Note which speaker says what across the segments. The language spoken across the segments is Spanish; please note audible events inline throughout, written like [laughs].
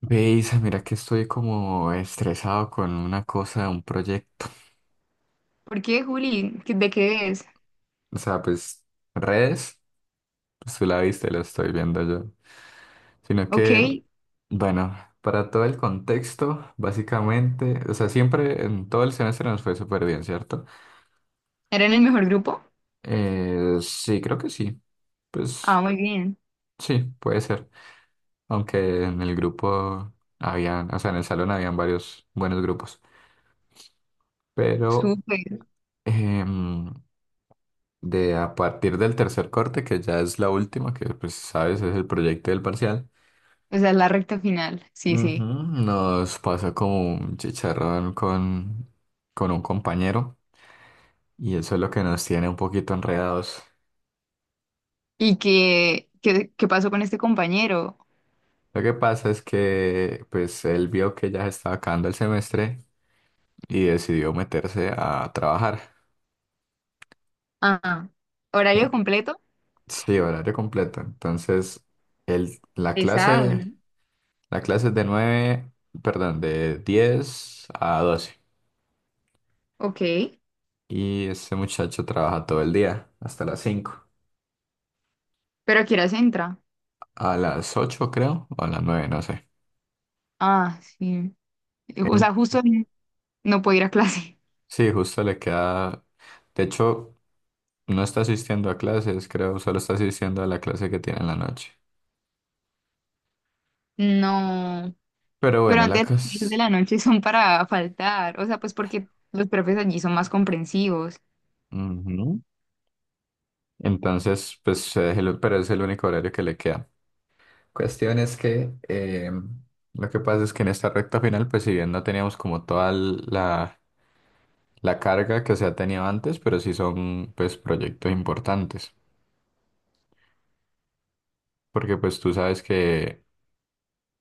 Speaker 1: Veis, mira que estoy como estresado con una cosa, un proyecto. [laughs]
Speaker 2: ¿Por qué, Juli? ¿Qué- ¿De qué es?
Speaker 1: O sea, pues redes, pues tú la viste, lo estoy viendo yo. Sino
Speaker 2: Ok,
Speaker 1: que,
Speaker 2: ¿era
Speaker 1: bueno, para todo el contexto, básicamente, o sea, siempre en todo el semestre nos fue súper bien, ¿cierto?
Speaker 2: en el mejor grupo?
Speaker 1: Sí, creo que sí. Pues
Speaker 2: Ah, muy bien.
Speaker 1: sí, puede ser. Aunque en el grupo habían, o sea, en el salón habían varios buenos grupos. Pero...
Speaker 2: Súper.
Speaker 1: em, de a partir del tercer corte, que ya es la última, que pues sabes, es el proyecto del parcial.
Speaker 2: O sea, la recta final. Sí,
Speaker 1: Ujú,
Speaker 2: sí.
Speaker 1: nos pasa como un chicharrón con un compañero, y eso es lo que nos tiene un poquito enredados.
Speaker 2: ¿Y qué pasó con este compañero?
Speaker 1: Lo que pasa es que pues él vio que ya se estaba acabando el semestre y decidió meterse a trabajar.
Speaker 2: Ah,
Speaker 1: Eh,
Speaker 2: horario completo.
Speaker 1: Sí, horario completo. Entonces, el, la
Speaker 2: Pesado, ¿no?
Speaker 1: clase, la clase es de 9, perdón, de 10 a 12.
Speaker 2: Ok.
Speaker 1: Y este muchacho trabaja todo el día, hasta las 5.
Speaker 2: ¿Pero a qué horas entra?
Speaker 1: A las 8 creo, o a las 9 no sé.
Speaker 2: Ah, sí. O
Speaker 1: En-
Speaker 2: sea, justo no puedo ir a clase. [laughs]
Speaker 1: Sí, justo le queda. De hecho, no está asistiendo a clases, creo, solo está asistiendo a la clase que tiene en la noche.
Speaker 2: No.
Speaker 1: Pero
Speaker 2: Pero
Speaker 1: bueno, la
Speaker 2: antes las clases de
Speaker 1: cosa...
Speaker 2: la noche son para faltar. O sea, pues porque los profes allí son más comprensivos.
Speaker 1: Ujú. Entonces, pues, pero es el único horario que le queda. Cuestión es que lo que pasa es que en esta recta final, pues si bien no teníamos como toda la carga que se ha tenido antes, pero sí son pues proyectos importantes. Porque pues tú sabes que,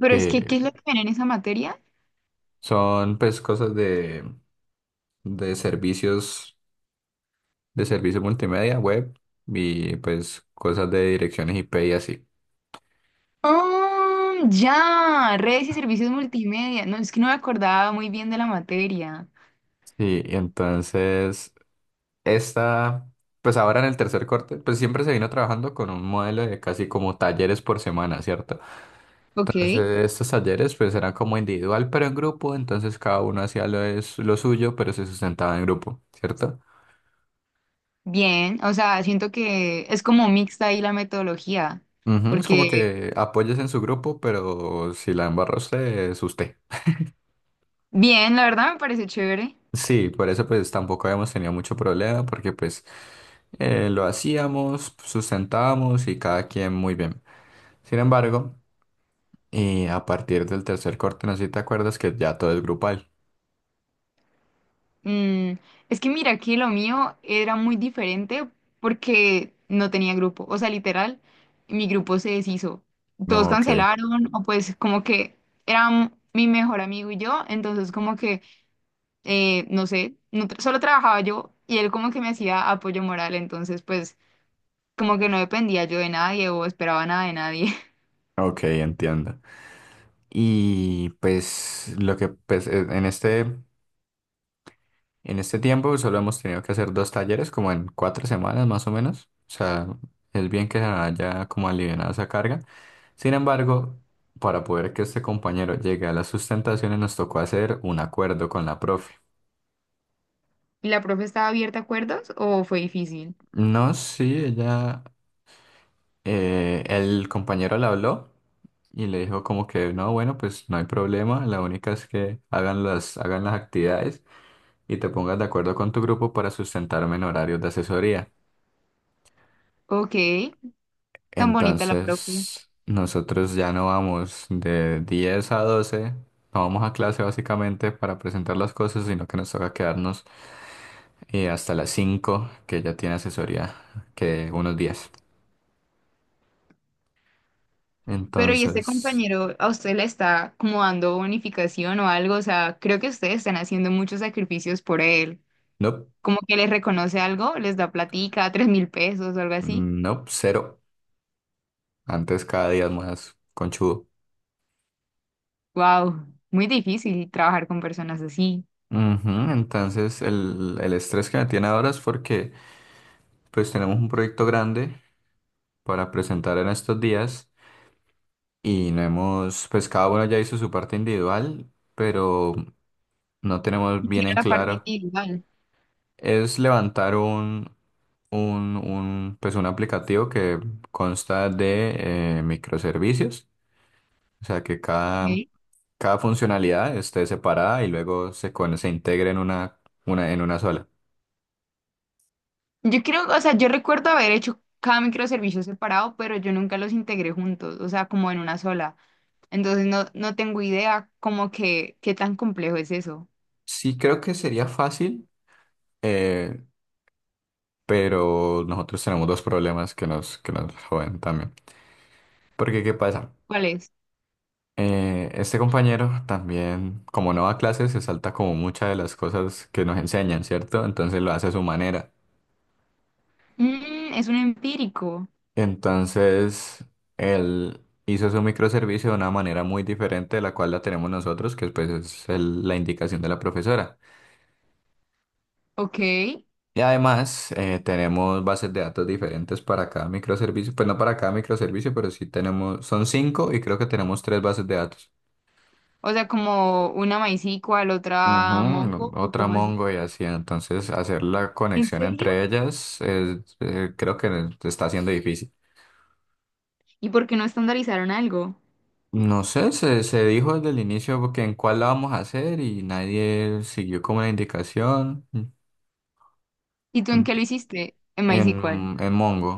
Speaker 2: Pero es
Speaker 1: que
Speaker 2: que, ¿qué es lo que ven en esa materia?
Speaker 1: son pues cosas de servicios, de servicio multimedia, web, y pues cosas de direcciones IP y así.
Speaker 2: Ah, ya, redes y servicios multimedia. No, es que no me acordaba muy bien de la materia.
Speaker 1: Sí, y entonces esta, pues ahora en el tercer corte, pues siempre se vino trabajando con un modelo de casi como talleres por semana, ¿cierto?
Speaker 2: Ok,
Speaker 1: Entonces estos talleres pues eran como individual pero en grupo, entonces cada uno hacía lo suyo pero se sustentaba en grupo, ¿cierto?
Speaker 2: bien, o sea, siento que es como mixta ahí la metodología,
Speaker 1: Ujú. Es como
Speaker 2: porque
Speaker 1: que apoyes en su grupo, pero si la embarra usted, es usted.
Speaker 2: bien, la verdad me parece chévere.
Speaker 1: Sí, por eso pues tampoco habíamos tenido mucho problema, porque pues lo hacíamos, sustentábamos y cada quien muy bien. Sin embargo, y a partir del tercer corte, no sé si te acuerdas que ya todo es grupal.
Speaker 2: Mm, es que mira, que lo mío era muy diferente porque no tenía grupo, o sea, literal, mi grupo se deshizo. Todos
Speaker 1: No, ok,
Speaker 2: cancelaron, o pues como que era mi mejor amigo y yo, entonces como que... no sé, no tra- solo trabajaba yo y él como que me hacía apoyo moral, entonces pues como que no dependía yo de nadie o esperaba nada de nadie. [laughs]
Speaker 1: ok, entiendo. Y pues lo que pues, en este tiempo solo hemos tenido que hacer dos talleres, como en 4 semanas más o menos. O sea, es bien que se haya como alivianado esa carga. Sin embargo, para poder que este compañero llegue a las sustentaciones, nos tocó hacer un acuerdo con la profe.
Speaker 2: ¿Y la profe estaba abierta a acuerdos o fue difícil?
Speaker 1: No, sí, ella, el compañero le habló y le dijo como que no, bueno, pues no hay problema, la única es que hagan las actividades y te pongas de acuerdo con tu grupo para sustentarme en horarios de asesoría.
Speaker 2: Ok, tan bonita la profe.
Speaker 1: Entonces, nosotros ya no vamos de 10 a 12, no vamos a clase básicamente para presentar las cosas, sino que nos toca quedarnos hasta las 5 que ya tiene asesoría, que unos días.
Speaker 2: Pero ¿y este
Speaker 1: Entonces,
Speaker 2: compañero a usted le está como dando bonificación o algo? O sea, creo que ustedes están haciendo muchos sacrificios por él.
Speaker 1: no,
Speaker 2: Como que les reconoce algo, les da platica, 3.000 pesos o algo así.
Speaker 1: no, cero. Antes cada día es más conchudo.
Speaker 2: Wow, muy difícil trabajar con personas así.
Speaker 1: Ujú. Entonces, el estrés que me tiene ahora es porque pues tenemos un proyecto grande para presentar en estos días, y no hemos, pues cada uno ya hizo su parte individual, pero no tenemos
Speaker 2: Y
Speaker 1: bien
Speaker 2: quiero
Speaker 1: en
Speaker 2: la parte
Speaker 1: claro.
Speaker 2: individual.
Speaker 1: Es levantar pues un aplicativo que consta de microservicios, o sea que cada,
Speaker 2: ¿Ok?
Speaker 1: cada funcionalidad esté separada y luego se integre en en una sola.
Speaker 2: Yo creo, o sea, yo recuerdo haber hecho cada microservicio separado, pero yo nunca los integré juntos, o sea, como en una sola. Entonces no, no tengo idea como que qué tan complejo es eso.
Speaker 1: Sí creo que sería fácil, eh, pero nosotros tenemos dos problemas que nos joden también. Porque, ¿qué pasa?
Speaker 2: ¿Cuál es?
Speaker 1: Este compañero también, como no va a clases, se salta como muchas de las cosas que nos enseñan, ¿cierto? Entonces lo hace a su manera.
Speaker 2: Mm, es un empírico,
Speaker 1: Entonces, él hizo su microservicio de una manera muy diferente de la cual la tenemos nosotros, que pues es la indicación de la profesora.
Speaker 2: ok.
Speaker 1: Y además, tenemos bases de datos diferentes para cada microservicio, pues no para cada microservicio, pero sí tenemos, son cinco y creo que tenemos tres bases de datos.
Speaker 2: O sea, como una MySQL, otra
Speaker 1: Ujú.
Speaker 2: Mongo, o
Speaker 1: Otra
Speaker 2: como así.
Speaker 1: Mongo y así, entonces hacer la
Speaker 2: ¿En
Speaker 1: conexión
Speaker 2: serio?
Speaker 1: entre ellas es, creo que está siendo difícil.
Speaker 2: ¿Y por qué no estandarizaron algo?
Speaker 1: No sé, se dijo desde el inicio que en cuál la vamos a hacer y nadie siguió como la indicación
Speaker 2: ¿Y tú en qué lo hiciste? En MySQL.
Speaker 1: en, en Mongo.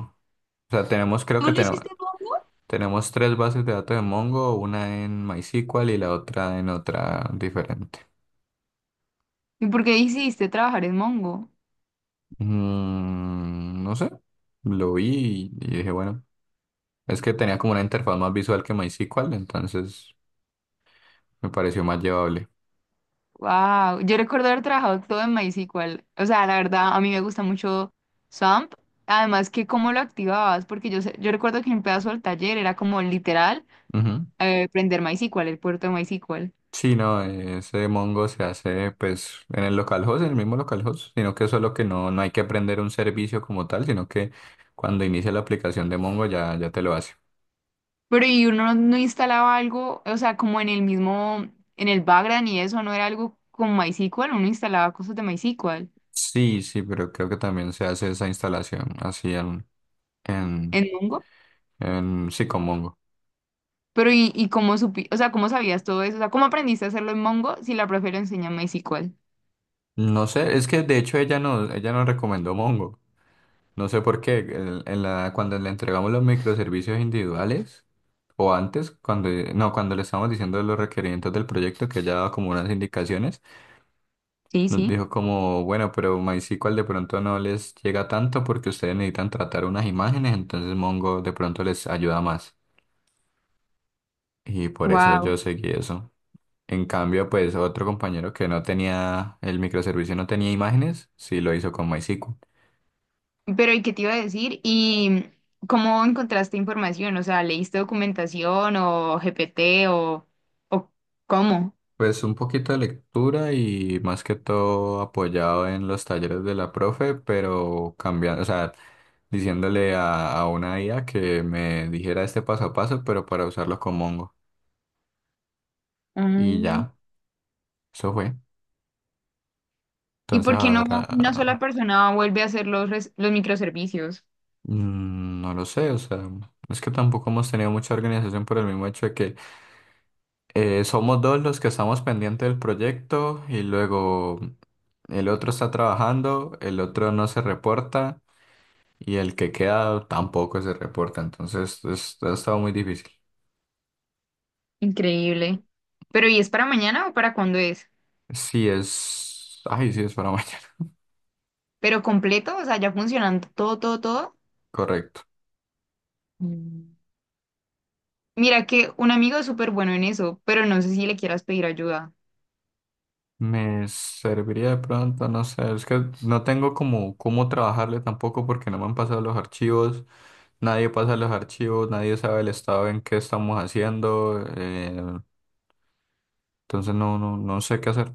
Speaker 1: O sea, tenemos, creo
Speaker 2: ¿Tú
Speaker 1: que
Speaker 2: lo
Speaker 1: tenemos,
Speaker 2: hiciste en Mongo?
Speaker 1: tenemos tres bases de datos de Mongo, una en MySQL y la otra en otra diferente.
Speaker 2: ¿Y por qué hiciste trabajar en Mongo?
Speaker 1: Mm, no sé, lo vi y dije, bueno. Es que tenía como una interfaz más visual que MySQL, entonces me pareció más llevable.
Speaker 2: Wow, yo recuerdo haber trabajado todo en MySQL. O sea, la verdad, a mí me gusta mucho SAMP. Además, que cómo lo activabas, porque yo, sé- yo recuerdo que en un pedazo del taller era como literal
Speaker 1: Ujú.
Speaker 2: prender MySQL, el puerto de MySQL.
Speaker 1: Sí, no, ese Mongo se hace pues en el localhost, en el mismo localhost, sino que solo que no, no hay que aprender un servicio como tal, sino que cuando inicia la aplicación de Mongo ya, ya te lo hace.
Speaker 2: Pero y uno no instalaba algo, o sea, como en el mismo, en el background y eso, no era algo con MySQL, uno instalaba cosas de MySQL
Speaker 1: Sí, sí, pero creo que también se hace esa instalación así en,
Speaker 2: en Mongo.
Speaker 1: en sí, con Mongo.
Speaker 2: Pero y cómo supi, o sea, cómo sabías todo eso, o sea, cómo aprendiste a hacerlo en Mongo si la profe lo enseña en MySQL.
Speaker 1: No sé, es que de hecho ella no, ella nos recomendó Mongo. No sé por qué, cuando le entregamos los microservicios individuales, o antes, cuando, no, cuando le estábamos diciendo los requerimientos del proyecto, que ya daba como unas indicaciones,
Speaker 2: Sí,
Speaker 1: nos
Speaker 2: sí.
Speaker 1: dijo como, bueno, pero MySQL de pronto no les llega tanto porque ustedes necesitan tratar unas imágenes, entonces Mongo de pronto les ayuda más. Y por eso
Speaker 2: Wow.
Speaker 1: yo seguí eso. En cambio, pues otro compañero que no tenía el microservicio, no tenía imágenes, sí lo hizo con MySQL.
Speaker 2: Pero, ¿y qué te iba a decir? ¿Y cómo encontraste información? O sea, ¿leíste documentación o GPT o cómo?
Speaker 1: Pues un poquito de lectura y más que todo apoyado en los talleres de la profe, pero cambiando, o sea, diciéndole a una IA que me dijera este paso a paso, pero para usarlo con Mongo. Y
Speaker 2: Mm.
Speaker 1: ya, eso fue.
Speaker 2: ¿Y
Speaker 1: Entonces
Speaker 2: por qué no una sola
Speaker 1: ahora,
Speaker 2: persona vuelve a hacer los, res- los microservicios?
Speaker 1: no lo sé, o sea, es que tampoco hemos tenido mucha organización por el mismo hecho de que somos dos los que estamos pendientes del proyecto, y luego el otro está trabajando, el otro no se reporta. Y el que queda tampoco se reporta, entonces ha estado muy difícil.
Speaker 2: Increíble. Pero, ¿y es para mañana o para cuándo es?
Speaker 1: Ay, sí es para [laughs] mañana,
Speaker 2: ¿Pero completo? O sea, ya funcionando todo, todo, todo.
Speaker 1: correcto.
Speaker 2: Mm. Mira que un amigo es súper bueno en eso, pero no sé si le quieras pedir ayuda.
Speaker 1: Me serviría de pronto, no sé, es que no tengo como cómo trabajarle tampoco porque no me han pasado los archivos, nadie pasa los archivos, nadie sabe el estado en que estamos haciendo, entonces no, no, no sé qué hacer.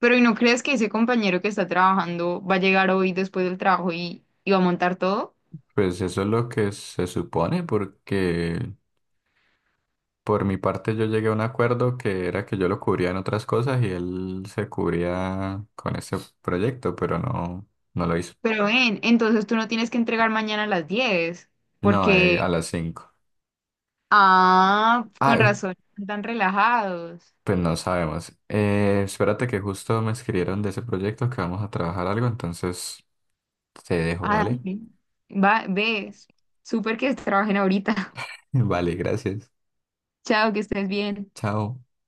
Speaker 2: Pero ¿y no crees que ese compañero que está trabajando va a llegar hoy después del trabajo y va a montar todo?
Speaker 1: Pues eso es lo que se supone porque, por mi parte, yo llegué a un acuerdo que era que yo lo cubría en otras cosas y él se cubría con ese proyecto, pero no, no lo hizo.
Speaker 2: Pero ven, entonces tú no tienes que entregar mañana a las 10,
Speaker 1: No, a
Speaker 2: porque,
Speaker 1: las 5.
Speaker 2: ah,
Speaker 1: Ah,
Speaker 2: con razón, están relajados.
Speaker 1: pues no sabemos. Espérate que justo me escribieron de ese proyecto que vamos a trabajar algo, entonces te dejo,
Speaker 2: Ah,
Speaker 1: ¿vale?
Speaker 2: dale. Va, ves, súper que trabajen ahorita.
Speaker 1: [laughs] Vale, gracias.
Speaker 2: [laughs] Chao, que estés bien.
Speaker 1: Chao.